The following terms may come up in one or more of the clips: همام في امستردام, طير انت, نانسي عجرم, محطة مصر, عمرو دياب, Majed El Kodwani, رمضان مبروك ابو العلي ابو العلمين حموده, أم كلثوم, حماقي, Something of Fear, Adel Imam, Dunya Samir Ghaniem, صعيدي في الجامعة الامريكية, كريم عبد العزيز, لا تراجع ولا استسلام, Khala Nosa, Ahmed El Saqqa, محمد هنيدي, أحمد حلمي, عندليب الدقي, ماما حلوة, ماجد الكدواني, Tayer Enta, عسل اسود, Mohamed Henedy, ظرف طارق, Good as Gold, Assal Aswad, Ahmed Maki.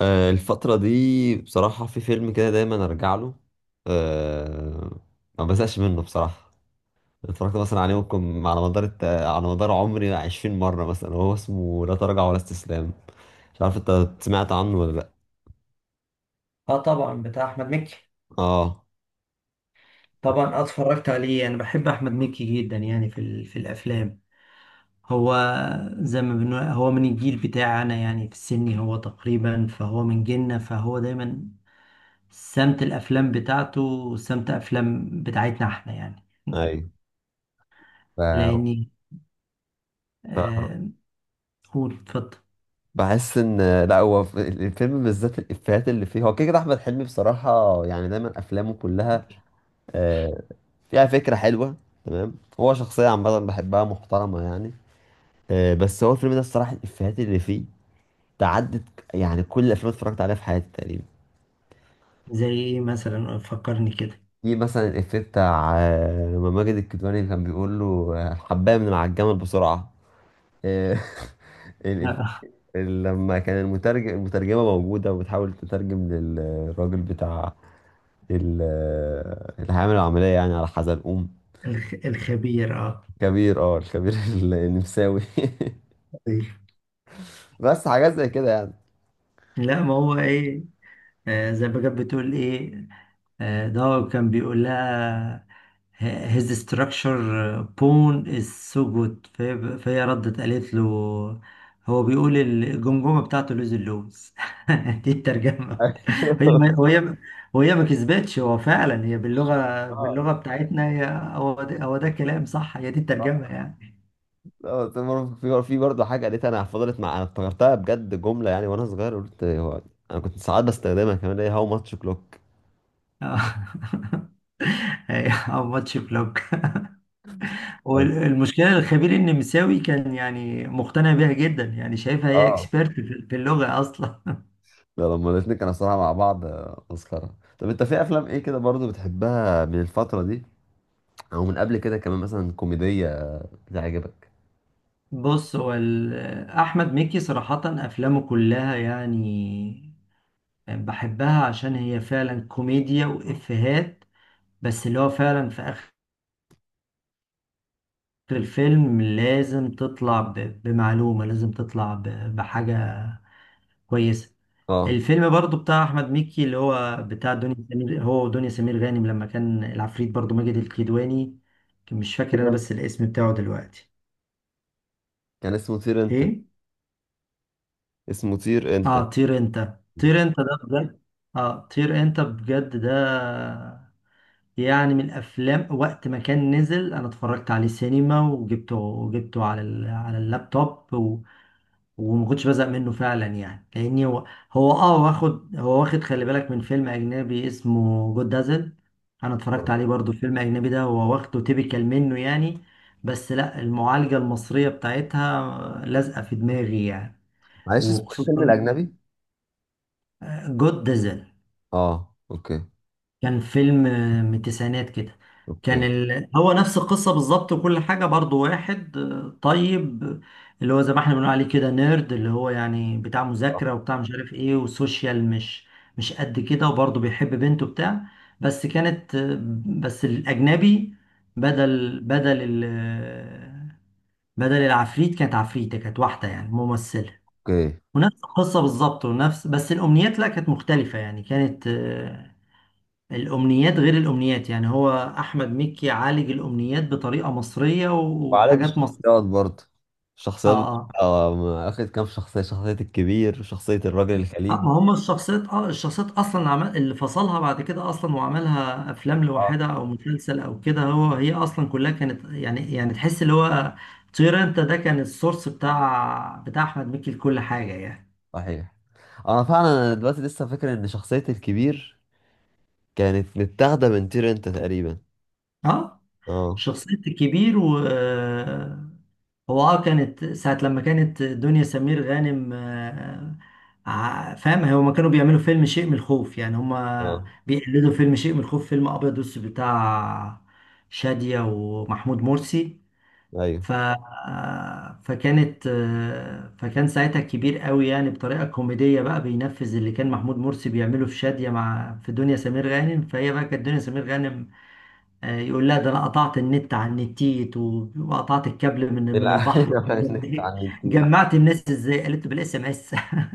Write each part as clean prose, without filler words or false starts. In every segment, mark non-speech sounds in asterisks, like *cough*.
الفترة دي بصراحة في فيلم كده دايما أرجع له. أه ما بزهقش منه بصراحة. اتفرجت مثلا عليه ممكن على مدار على مدار عمري 20 مرة، مثلا هو اسمه لا تراجع ولا استسلام. مش عارف انت سمعت عنه ولا لأ؟ اه، طبعا بتاع احمد مكي. اه. طبعا اتفرجت عليه. انا بحب احمد مكي جدا يعني في الافلام. هو زي ما بنقول هو من الجيل بتاعنا، يعني في السن هو تقريبا فهو من جيلنا، فهو دايما سمت الافلام بتاعته وسمت افلام بتاعتنا احنا يعني. ايوه. ف... لاني ف... آه هو، اتفضل. بحس ان لا، هو في الفيلم بالذات الإفيهات اللي فيه، هو كده كده أحمد حلمي بصراحة، يعني دايما أفلامه كلها آه، فيها فكرة حلوة. تمام، هو شخصية عامة بحبها، محترمة يعني. بس هو الفيلم ده الصراحة الإفيهات اللي فيه تعدت يعني كل الأفلام اللي اتفرجت عليها في حياتي تقريبا. زي ايه مثلا؟ فكرني كده. في مثلا الإفيه بتاع، لما ماجد الكدواني كان بيقول له، الحباية من على الجمل بسرعة. آه. *laughs* *laughs* الإف- آه، لما كان المترجمة موجودة وبتحاول تترجم للراجل بتاع اللي هيعمل العملية يعني على حزلقوم الخبير، كبير اه الكبير. *laughs* النمساوي. طيب. *laughs* بس حاجات زي كده يعني. لا ما هو ايه، زي ما كانت بتقول ايه، ده هو كان بيقول لها "H- his structure bone is so good"، فهي ردت قالت له هو بيقول الجمجمة بتاعته لوز، اللوز. *laughs* دي الترجمة. هي ما *laughs* وهي وهي ما كسبتش، هو فعلا هي باللغة اه. بتاعتنا هي. هو ده كلام صح، هي دي الترجمة يعني. اه في برضه حاجه قالتها، انا فضلت، مع انا افتكرتها بجد جمله يعني وانا صغير، قلت هو انا كنت ساعات بستخدمها كمان، هي "هاو ماتش كلوك". *laughs* أو ماتش كلوك. *laughs* والمشكله الخبير النمساوي كان يعني مقتنع بيها جدا، يعني شايفها هي اه، اكسبيرت في في اللغه اصلا. ده لما الاتنين كانوا صراحه مع بعض مسخره. طب انت في افلام ايه كده برضه بتحبها من الفتره دي، او من قبل كده كمان، مثلا كوميديه بتعجبك؟ *laughs* بص، هو احمد مكي صراحه افلامه كلها يعني بحبها، عشان هي فعلا كوميديا وافيهات، بس اللي هو فعلا في اخر الفيلم لازم تطلع بمعلومه، لازم تطلع بحاجه كويس. اه، الفيلم برضو بتاع احمد مكي اللي هو بتاع دنيا سمير، هو ودنيا سمير غانم، لما كان العفريت برضو ماجد الكدواني، كان مش فاكر انا بس الاسم بتاعه دلوقتي. كان اسمه طير انت، ايه؟ اسمه طير انت. اه، طير انت، طير انت ده بجد، اه طير انت بجد ده. يعني من الافلام، وقت ما كان نزل انا اتفرجت عليه سينما، وجبته على على اللابتوب، وما كنتش بزهق منه فعلا يعني، لاني هو، هو، واخد، هو واخد، خلي بالك، من فيلم اجنبي اسمه جود دازل. انا آه. اتفرجت عليه برضو الفيلم الاجنبي ده، هو واخده تيبيكال منه يعني، بس لا، المعالجة المصرية بتاعتها لازقة في دماغي يعني. معلش، اسمه ايه الفيلم وخصوصا الاجنبي؟ جود دازل، اه، اوكي. كان فيلم من التسعينات كده. اوكي. هو نفس القصة بالظبط وكل حاجة، برضو واحد طيب، اللي هو زي ما احنا بنقول عليه كده نيرد، اللي هو يعني بتاع آه، مذاكرة وبتاع مش عارف ايه وسوشيال مش قد كده، وبرضه بيحب بنته بتاع. بس كانت بس الأجنبي، بدل ال... آه، بدل العفريت كانت عفريتة، كانت واحدة يعني ممثلة. اوكي. ونفس القصة بالظبط ونفس، بس الأمنيات لا كانت مختلفة يعني، كانت الأمنيات غير الأمنيات يعني. هو أحمد مكي عالج الأمنيات بطريقة مصرية وعلاج وحاجات مصرية. الشخصيات برضه، آه، الشخصيات آه. بتبقى، اخد كام شخصية الكبير وشخصية الراجل الخليجي. ما هم الشخصيات، الشخصيات أصلا عمل اللي فصلها بعد كده أصلا وعملها أفلام اه، لوحدها أو مسلسل أو كده. هو هي أصلا كلها كانت يعني تحس اللي هو طير أنت ده كان السورس بتاع أحمد مكي لكل حاجة يعني. صحيح. انا فعلا، أنا دلوقتي لسه فاكر ان شخصية الكبير كانت متاخدة من طير انت تقريبا. آه، اه. شخصية الكبير. و هو اه كانت ساعة لما كانت دنيا سمير غانم، فاهم، هما كانوا بيعملوا فيلم شيء من الخوف، يعني هما اه، بيقلدوا فيلم شيء من الخوف، فيلم أبيض وأسود بتاع شادية ومحمود مرسي. ايوه. ف آه، فكانت آه، فكان ساعتها كبير قوي، يعني بطريقة كوميدية بقى بينفذ اللي كان محمود مرسي بيعمله في شادية، مع في دنيا سمير غانم. فهي بقى كانت دنيا سمير غانم يقول لا، ده انا قطعت النت عن النتيت وقطعت الكابل من لا، *laughs* البحر. انك *laughs* اتعلمتيه. جمعت الناس ازاي؟ قالت بالاس ام اس. *laughs*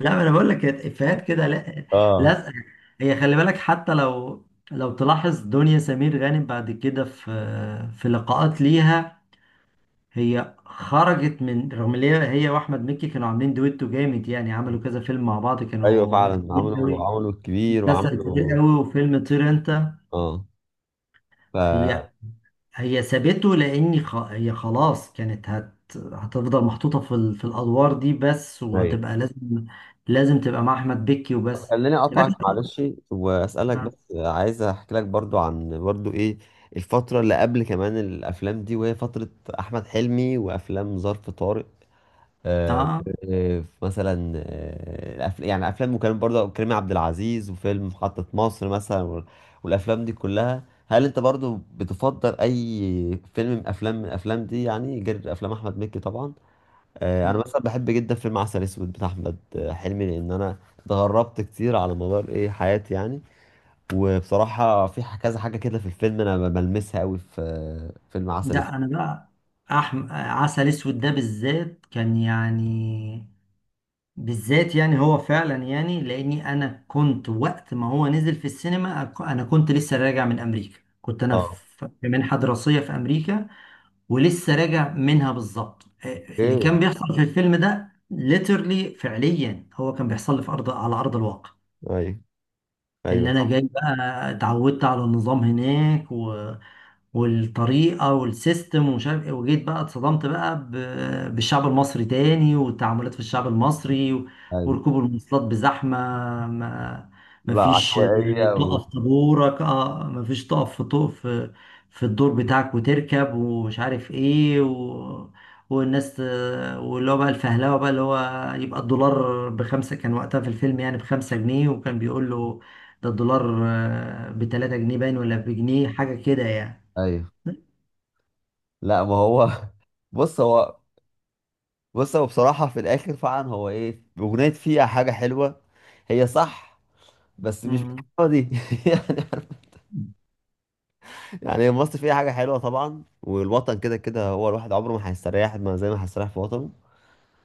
لا انا بقول لك، كانت افيهات كده، لا، اه، لازقه. هي خلي بالك، حتى لو تلاحظ دنيا سمير غانم بعد كده في في لقاءات ليها، هي خرجت، من رغم ان هي، هي واحمد مكي كانوا عاملين دويتو جامد، يعني عملوا كذا فيلم مع بعض، ايوه كانوا فعلا، كتير عملوا قوي، عملوا الكبير مسلسل كتير وعملوا. قوي وفيلم طير انت. اه. ف هي، هي سابته، لان هي خلاص كانت هتفضل محطوطه في في الادوار دي بس، أيوه، وهتبقى لازم، لازم تبقى مع احمد بكي وبس. خليني اقطعك لكن معلش واسالك اه بس. عايز احكي لك برضو عن برضو ايه الفتره اللي قبل كمان الافلام دي، وهي فتره احمد حلمي وافلام ظرف طارق، آه آه. و- مثلا آه الأف- يعني افلام، وكان برضو كريم عبد العزيز وفيلم محطه مصر مثلا، والافلام دي كلها. هل انت برضو بتفضل اي فيلم من افلام من الافلام دي يعني، غير افلام احمد مكي طبعا؟ انا مثلا بحب جدا فيلم عسل اسود بتاع احمد حلمي، لان انا اتغربت كتير على مدار ايه حياتي يعني. وبصراحه في كذا حاجه كده في الفيلم انا بلمسها قوي في فيلم عسل اسود. لا، انا بقى عسل اسود ده بالذات كان يعني، بالذات يعني، هو فعلا يعني، لاني انا كنت وقت ما هو نزل في السينما انا كنت لسه راجع من امريكا، كنت انا اه. في في منحه دراسيه في امريكا، ولسه راجع منها بالظبط. اللي ايه. كان بيحصل في الفيلم ده ليترلي فعليا هو كان بيحصل لي في ارض على ارض الواقع. ايوه. ايوه، اللي انا صح. جاي بقى، اتعودت على النظام هناك و... والطريقة والسيستم ومش عارف ايه، وجيت بقى، اتصدمت بقى بالشعب المصري تاني، والتعاملات في الشعب المصري ايوه. وركوب المواصلات بزحمة. ما لا، مفيش عشوائيه و... تقف طابورك، مفيش تقف في في الدور بتاعك وتركب ومش عارف ايه و... والناس، واللي هو بقى الفهلوه بقى، اللي هو يبقى الدولار بخمسة كان وقتها في الفيلم، يعني ب5 جنيه، وكان بيقول له ده الدولار ب3 جنيه باين ولا بجنيه حاجة كده يعني. ايوه. لا، ما هو *laughs* بص هو بص هو بصراحه في الاخر فعلا هو ايه، اغنيه فيها حاجه حلوه، هي صح، بس مش مم. بالحلاوه دي *laughs* يعني. يعني انبسط في اي حاجه حلوه طبعا، والوطن كده كده، هو الواحد عمره ما هيستريح ما زي ما هيستريح في وطنه،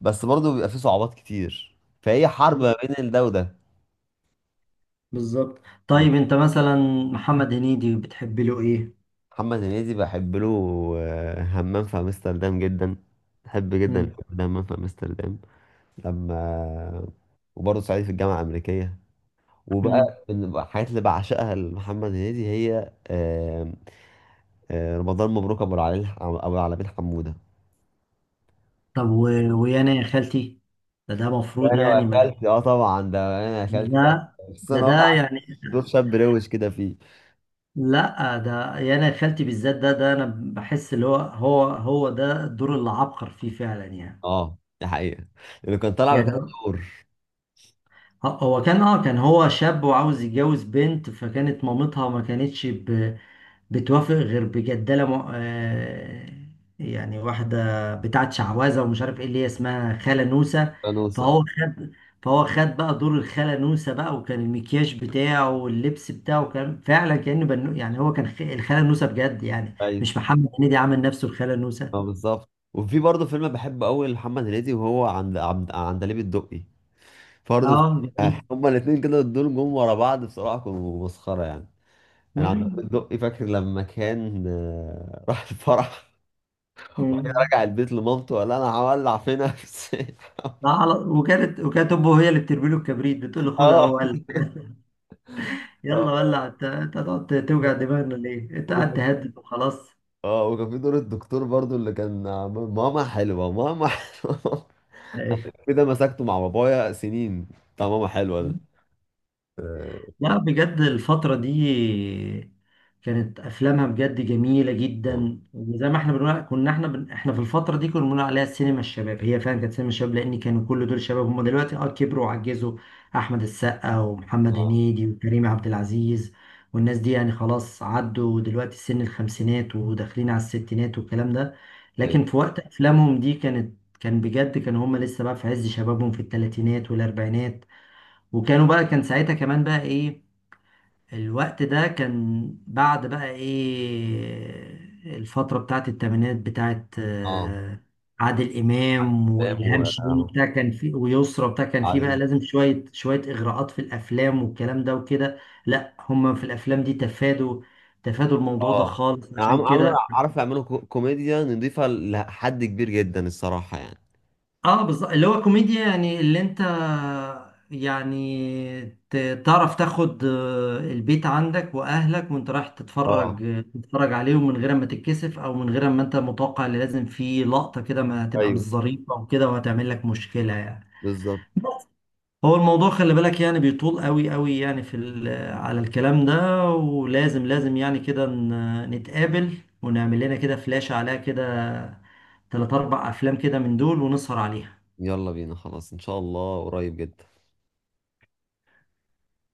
بس برضه بيبقى فيه صعوبات كتير، فهي حرب ما بين ده وده. بالظبط. مم. طيب انت مثلا محمد هنيدي بتحب له ايه؟ محمد هنيدي بحب له همام في امستردام جدا، بحب جدا مم. الفيلم ده همام في امستردام لما، وبرضه صعيدي في الجامعه الامريكيه. وبقى مم. من الحاجات اللي بعشقها لمحمد هنيدي هي رمضان مبروك، ابو العلي، ابو العلمين حموده. طب و... ويانا يا خالتي، ده ده مفروض انا يعني ما، قفلت، اه طبعا ده انا قفلت ده، ده، خصوصا ده، إن هو كان ده عامل يعني. صوت شاب روش كده فيه. لا، ده يانا يا خالتي بالذات ده، ده انا بحس اللي هو هو هو ده الدور اللي عبقر فيه فعلا يعني. اه، دي حقيقة، اللي كان طالع يعني مكانه هو، دور هو كان، كان هو شاب وعاوز يتجوز بنت، فكانت مامتها ما كانتش بتوافق غير بجدالة م... آه، يعني واحدة بتاعت شعوذة ومش عارف ايه، اللي هي اسمها خالة نوسة. فانوس. اه، فهو خد فهو خد بقى دور الخالة نوسة بقى، وكان المكياج بتاعه واللبس بتاعه كان فعلا كأنه بنو، يعني هو كان الخالة نوسة بجد يعني، ايوه. مش محمد هنيدي عمل نفسه الخالة نوسة. اه، بالظبط. وفي برضه فيلم بحبه قوي لمحمد هنيدي، وهو عند عندليب الدقي. برضه اه جميل. هما الاثنين كده دول جم ورا بعض بصراحة كانوا مسخرة يعني. انا عندليب مم. الدقي فاكر لما كان، *laughs* راح الفرح، وبعدين مم. رجع البيت لمامته قال لها انا هولع في نفسي. *laughs* لا، وكانت امه هي اللي بترمي له الكبريت، بتقول له خدها اه. اهو، قال آه. يلا ولع انت هتقعد توجع دماغنا ليه؟ انت قاعد تهدد وخلاص. اه، وكان في دور الدكتور برضو اللي كان، "ماما حلوة، ماما حلوة". *laughs* كده مسكته مع بابايا سنين، بتاع ماما حلوة ده. اه. لا بجد الفترة دي كانت أفلامها بجد جميلة اه. جدا، وزي ما احنا بنقول كنا احنا احنا في الفترة دي كنا بنقول عليها سينما الشباب. هي فعلا كانت سينما الشباب، لأن كانوا كل دول شباب. هم دلوقتي، اه، كبروا وعجزوا، أحمد السقا ومحمد اه، هنيدي وكريم عبد العزيز والناس دي، يعني خلاص عدوا دلوقتي سن الخمسينات وداخلين على الستينات والكلام ده. أيوة. لكن في وقت أفلامهم دي كانت، كان بجد كانوا هم لسه بقى في عز شبابهم في الثلاثينات والأربعينات. وكانوا بقى، كان ساعتها كمان بقى ايه، الوقت ده كان بعد بقى ايه الفترة بتاعت التمانينات بتاعت آه، عادل إمام وإلهام شاهين تمام. وبتاع، كان في ويسرى وبتاع، كان في بقى وعزيز. لازم شوية شوية إغراءات في الأفلام والكلام ده وكده. لا هم في الأفلام دي تفادوا الموضوع ده اه، خالص يعني عشان عملوا، كده. عارف، يعملوا كوميديا نضيفة لحد كبير جدا الصراحة يعني. اه بالظبط، اللي هو كوميديا، يعني اللي انت يعني تعرف تاخد البيت عندك واهلك وانت رايح اه، تتفرج عليهم من غير ما تتكسف، او من غير ما انت متوقع اللي لازم في لقطة كده ما هتبقى مش ايوه ظريفة وكده وهتعمل لك مشكلة يعني. بالظبط. هو الموضوع خلي بالك يعني بيطول قوي قوي يعني، على الكلام ده، ولازم، لازم يعني كده نتقابل ونعمل لنا كده فلاشة عليها كده تلات أربع أفلام كده من دول ونسهر عليها. يلا بينا، خلاص ان شاء الله قريب جدا.